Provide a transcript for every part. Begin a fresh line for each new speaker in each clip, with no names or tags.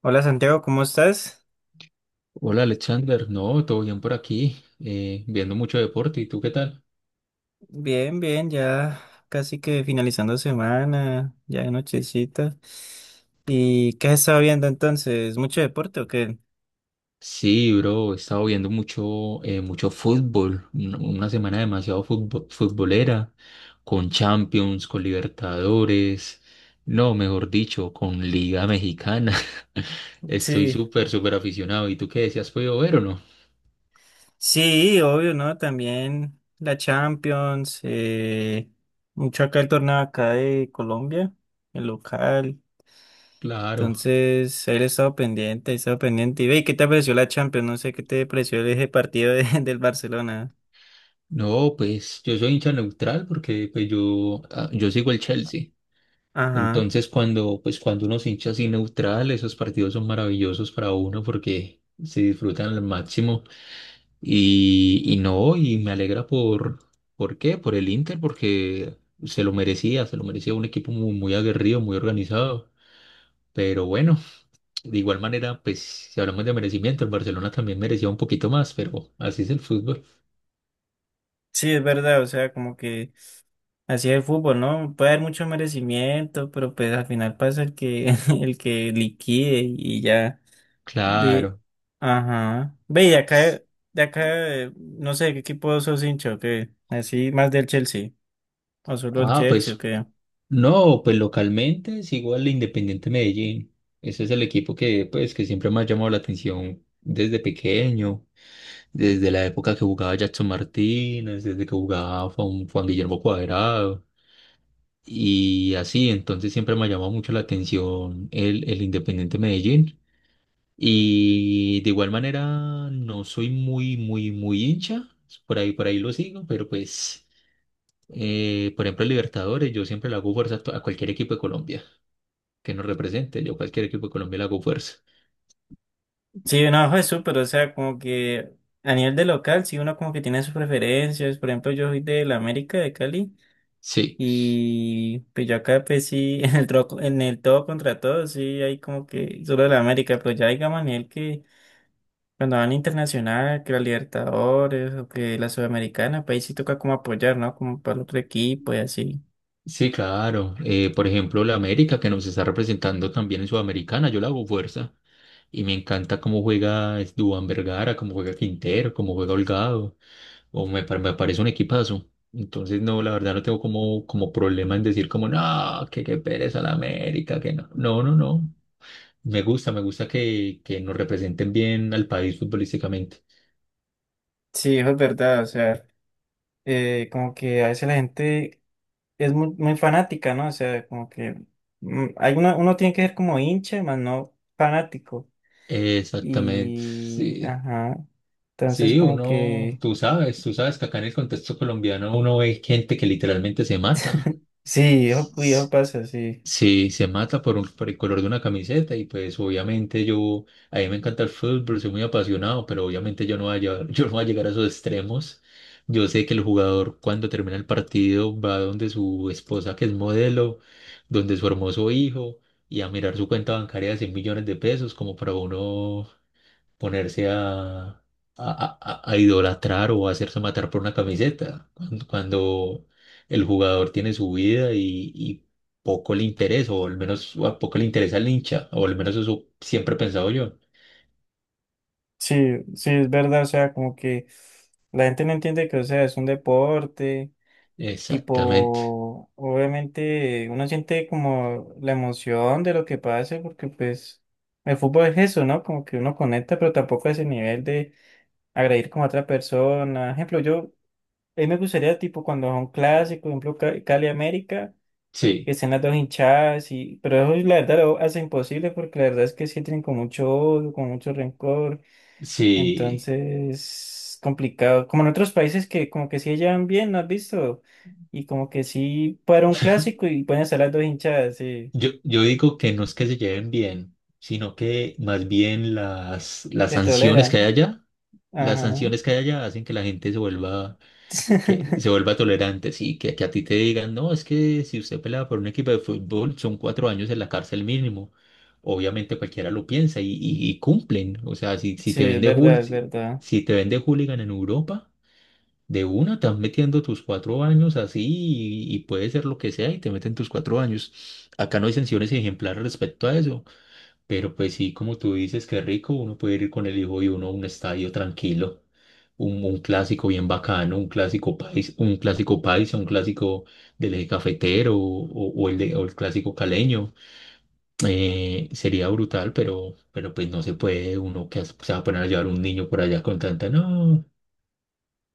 Hola Santiago, ¿cómo estás?
Hola Alexander, no, todo bien por aquí, viendo mucho deporte, ¿y tú qué tal?
Bien, bien, ya casi que finalizando semana, ya de nochecita. ¿Y qué has estado viendo entonces? ¿Mucho deporte o qué?
Sí, bro, he estado viendo mucho, mucho fútbol, una semana demasiado futbolera, con Champions, con Libertadores, no, mejor dicho, con Liga Mexicana. Estoy
Sí,
súper aficionado. ¿Y tú qué decías, podido ver o no?
sí, obvio, ¿no? También la Champions, mucho acá el torneo acá de Colombia, el local.
Claro.
Entonces, él ha estado pendiente, he estado pendiente. Y ve, ¿qué te pareció la Champions? No sé qué te pareció ese del Barcelona.
No, pues yo soy hincha neutral porque pues yo, yo sigo el Chelsea.
Ajá.
Entonces, cuando, pues, cuando uno se hincha así neutral, esos partidos son maravillosos para uno porque se disfrutan al máximo. Y no, y me alegra ¿por qué? Por el Inter, porque se lo merecía un equipo muy aguerrido, muy organizado. Pero bueno, de igual manera, pues, si hablamos de merecimiento, el Barcelona también merecía un poquito más, pero así es el fútbol.
Sí, es verdad, o sea, como que... Así es el fútbol, ¿no? Puede haber mucho merecimiento, pero pues al final pasa el que, el que liquide y ya. Ve,
Claro.
ajá. Ve, y acá, de acá, no sé, ¿qué equipo sos hincha o qué? Así, más del Chelsea. O solo el
Ah,
Chelsea o
pues.
qué.
No, pues localmente es igual el Independiente Medellín. Ese es el equipo que, pues, que siempre me ha llamado la atención desde pequeño, desde la época que jugaba Jackson Martínez, desde que jugaba Juan Guillermo Cuadrado y así. Entonces siempre me ha llamado mucho la atención el Independiente Medellín. Y de igual manera no soy muy hincha. Por ahí lo sigo, pero pues, por ejemplo, el Libertadores, yo siempre le hago fuerza a a cualquier equipo de Colombia que nos represente. Yo a cualquier equipo de Colombia le hago fuerza.
Sí, no, eso pero o sea, como que a nivel de local, sí, uno como que tiene sus preferencias. Por ejemplo, yo soy de la América, de Cali.
Sí,
Y pues yo acá pues sí, en en el todo contra todo, sí, hay como que solo de la América, pero ya digamos a nivel que cuando van internacional, que la Libertadores o que la Sudamericana, país sí toca como apoyar, ¿no? Como para el otro equipo y así.
sí, claro. Por ejemplo, la América que nos está representando también en Sudamericana, yo le hago fuerza. Y me encanta cómo juega es, Duván Vergara, cómo juega Quintero, cómo juega Holgado. Me parece un equipazo. Entonces, no, la verdad no tengo como, como problema en decir como, no, que qué pereza la América, que no. No, no, no. Me gusta que nos representen bien al país futbolísticamente.
Sí, eso es verdad, o sea, como que a veces la gente es muy, muy fanática, ¿no? O sea, como que hay uno tiene que ser como hincha, más no fanático.
Exactamente,
Y,
sí.
ajá, entonces
Sí,
como
uno,
que,
tú sabes que acá en el contexto colombiano uno ve gente que literalmente se mata.
sí, eso, uy, eso
S-
pasa, sí.
Sí, se mata por por el color de una camiseta y pues obviamente yo, a mí me encanta el fútbol, soy muy apasionado, pero obviamente yo no voy a llegar, yo no voy a llegar a esos extremos. Yo sé que el jugador cuando termina el partido va donde su esposa que es modelo, donde su hermoso hijo y a mirar su cuenta bancaria de 100 millones de pesos como para uno ponerse a idolatrar o a hacerse matar por una camiseta, cuando el jugador tiene su vida y poco le interesa, o al menos a poco le interesa al hincha, o al menos eso siempre he pensado yo.
Sí, sí, es verdad, o sea, como que la gente no entiende que, o sea, es un deporte.
Exactamente.
Tipo, obviamente uno siente como la emoción de lo que pase, porque pues el fútbol es eso, ¿no? Como que uno conecta, pero tampoco a ese nivel de agredir como a otra persona. Ejemplo, yo, a mí me gustaría, tipo, cuando son clásicos, por ejemplo, Cali América, que
Sí,
estén las dos hinchadas, y, pero eso la verdad lo hace imposible, porque la verdad es que sí tienen con mucho odio, con mucho rencor.
sí.
Entonces, complicado. Como en otros países que como que sí llevan bien, ¿no has visto? Y como que sí para un clásico y pueden estar las dos hinchadas, sí,
Yo digo que no es que se lleven bien, sino que más bien las
se
sanciones que hay
toleran.
allá, las
Ajá.
sanciones que hay allá hacen que la gente se vuelva que se vuelva tolerante, sí, que a ti te digan, no, es que si usted pelaba por un equipo de fútbol son 4 años en la cárcel mínimo. Obviamente cualquiera lo piensa y cumplen. O sea, si
Sí,
te
es
vende
verdad, es verdad.
si te vende hooligan en Europa, de una estás metiendo tus 4 años así y puede ser lo que sea y te meten tus 4 años. Acá no hay sanciones ejemplares respecto a eso. Pero pues sí, como tú dices, qué rico, uno puede ir con el hijo y uno a un estadio tranquilo, un clásico bien bacano, un clásico país, un clásico paisa, un clásico del eje cafetero o el clásico caleño. Sería brutal, pero pues no se puede uno que se va a poner a llevar un niño por allá con tanta, no.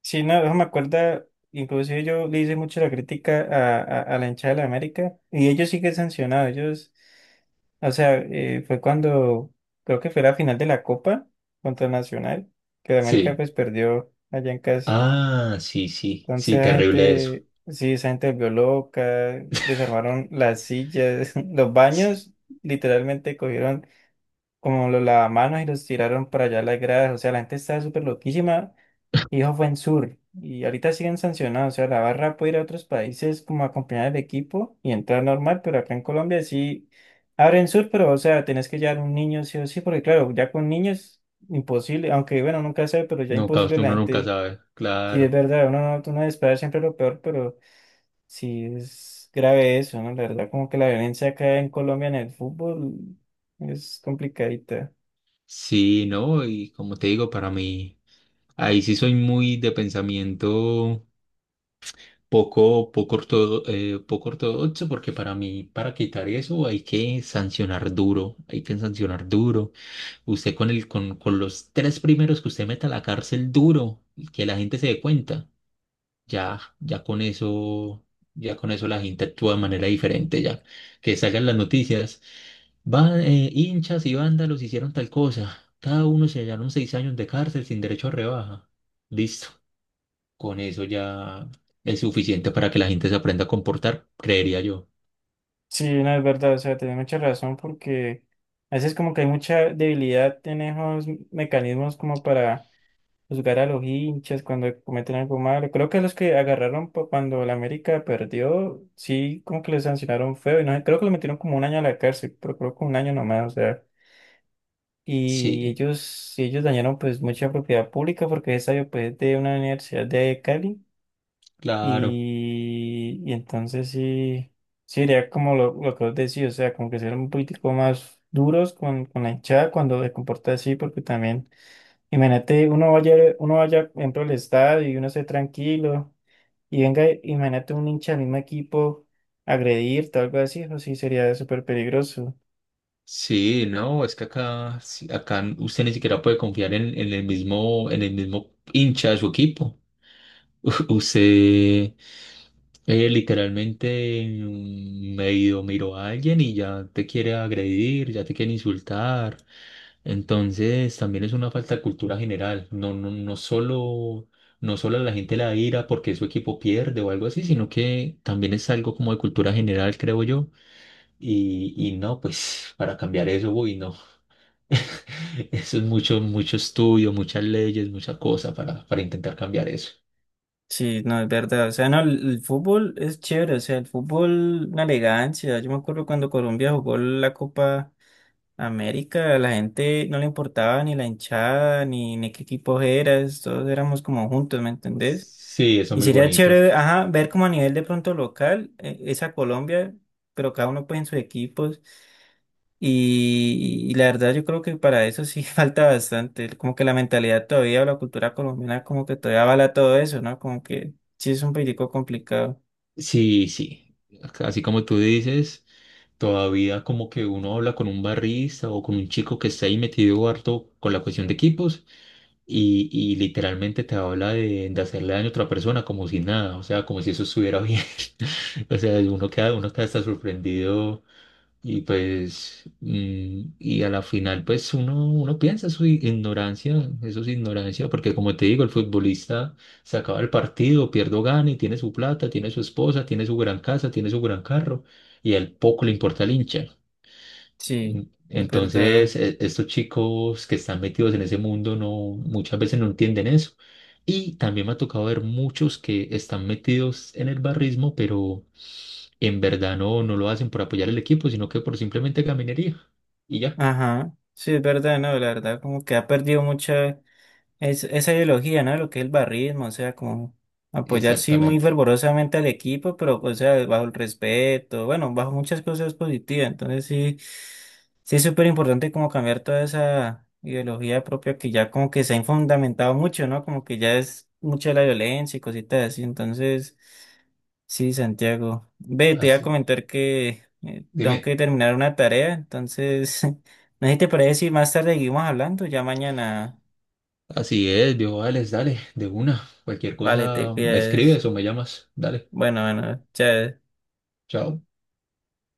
Sí, no, eso me acuerda, inclusive yo le hice mucho la crítica a la hinchada de la América y ellos sí que sancionados, ellos, o sea, fue cuando, creo que fue la final de la Copa contra Nacional, que la América
Sí.
pues perdió allá en casa.
Ah, sí, sí,
Entonces
sí,
la
terrible eso.
gente, sí, esa gente se volvió loca, desarmaron las sillas, los baños, literalmente cogieron como los lavamanos y los tiraron para allá a las gradas, o sea, la gente estaba súper loquísima y eso fue en Sur, y ahorita siguen sancionados, o sea, la barra puede ir a otros países como a acompañar al equipo y entrar normal, pero acá en Colombia sí abren Sur, pero o sea, tenés que llevar un niño sí o sí, porque claro, ya con niños, imposible, aunque bueno, nunca sabe, pero ya
Nunca,
imposible la
uno nunca
gente.
sabe,
Sí, es
claro.
verdad, uno no, uno espera siempre lo peor, pero sí es grave eso, ¿no? La verdad, como que la violencia acá en Colombia en el fútbol es complicadita.
Sí, no, y como te digo, para mí. Ahí sí soy muy de pensamiento poco ortodoxo, porque para mí, para quitar eso, hay que sancionar duro, hay que sancionar duro. Usted con los tres primeros que usted meta a la cárcel duro, y que la gente se dé cuenta, ya, ya con eso, ya con eso la gente actúa de manera diferente, ya que salgan las noticias. Van, hinchas y vándalos hicieron tal cosa. Cada uno se hallaron 6 años de cárcel sin derecho a rebaja. Listo. Con eso ya es suficiente para que la gente se aprenda a comportar, creería yo.
Sí, no, es verdad, o sea, tenés mucha razón porque a veces como que hay mucha debilidad en esos mecanismos como para juzgar a los hinchas cuando cometen algo malo. Creo que los que agarraron cuando la América perdió, sí, como que les sancionaron feo y no sé, creo que lo metieron como un año a la cárcel, pero creo que un año nomás, o sea. Y
Sí,
ellos, si ellos dañaron pues mucha propiedad pública porque esa yo pues es de una universidad de Cali
claro.
y entonces sí, sí sería como lo que vos decís, o sea, como que ser un político más duros con la hinchada cuando se comporta así porque también, uno vaya, por ejemplo, al estadio y uno esté tranquilo y venga, imagínate un hincha del mismo equipo agredirte o algo así, eso sí sería súper peligroso.
Sí, no, es que acá, sí, acá usted ni siquiera puede confiar en el mismo hincha de su equipo. Usted medio miró a alguien y ya te quiere agredir, ya te quiere insultar. Entonces, también es una falta de cultura general. No solo no solo a la gente la ira porque su equipo pierde o algo así, sino que también es algo como de cultura general, creo yo. Y no, pues para cambiar eso, uy, no. Eso es mucho, mucho estudio, muchas leyes, mucha cosa para intentar cambiar eso.
Sí, no, es verdad. O sea, no, el fútbol es chévere. O sea, el fútbol, una elegancia. Yo me acuerdo cuando Colombia jugó la Copa América, a la gente no le importaba ni la hinchada, ni qué equipo eras. Todos éramos como juntos, ¿me entendés?
Sí, eso es
Y
muy
sería
bonito.
chévere, ajá, ver como a nivel de pronto local, esa Colombia, pero cada uno pues en sus equipos. Y la verdad yo creo que para eso sí falta bastante, como que la mentalidad todavía o la cultura colombiana como que todavía avala todo eso, ¿no? Como que sí es un poquitico complicado,
Sí, sí. Así como tú dices. Todavía como que uno habla con un barrista o con un chico que está ahí metido harto con la cuestión de equipos y literalmente te habla de hacerle daño a otra persona como si nada, o sea, como si eso estuviera bien. O sea, uno queda hasta sorprendido y pues, y a la final pues uno, uno piensa su ignorancia, eso es ignorancia, porque como te digo, el futbolista se acaba el partido, pierde o gana y tiene su plata, tiene su esposa, tiene su gran casa, tiene su gran carro y al poco le importa el hincha.
sí, es verdad,
Entonces, estos chicos que están metidos en ese mundo no, muchas veces no entienden eso. Y también me ha tocado ver muchos que están metidos en el barrismo, pero en verdad no, no lo hacen por apoyar el equipo, sino que por simplemente caminería. Y ya,
ajá, sí es verdad, no, la verdad como que ha perdido mucha... esa ideología, ¿no? Lo que es el barrismo, o sea, como apoyar sí muy
exactamente.
fervorosamente al equipo, pero, o sea, bajo el respeto, bueno, bajo muchas cosas positivas. Entonces sí, sí es súper importante como cambiar toda esa ideología propia que ya como que se ha infundamentado mucho, ¿no? Como que ya es mucha la violencia y cositas así. Entonces, sí, Santiago. Ve, te iba a
Así,
comentar que tengo
dime.
que terminar una tarea, entonces, no sé si te parece si más tarde seguimos hablando, ya mañana.
Así es, viejo, dale, dale, de una. Cualquier
Vale, te
cosa me
pides.
escribes o me llamas. Dale,
Bueno, bueno, chévere.
chao.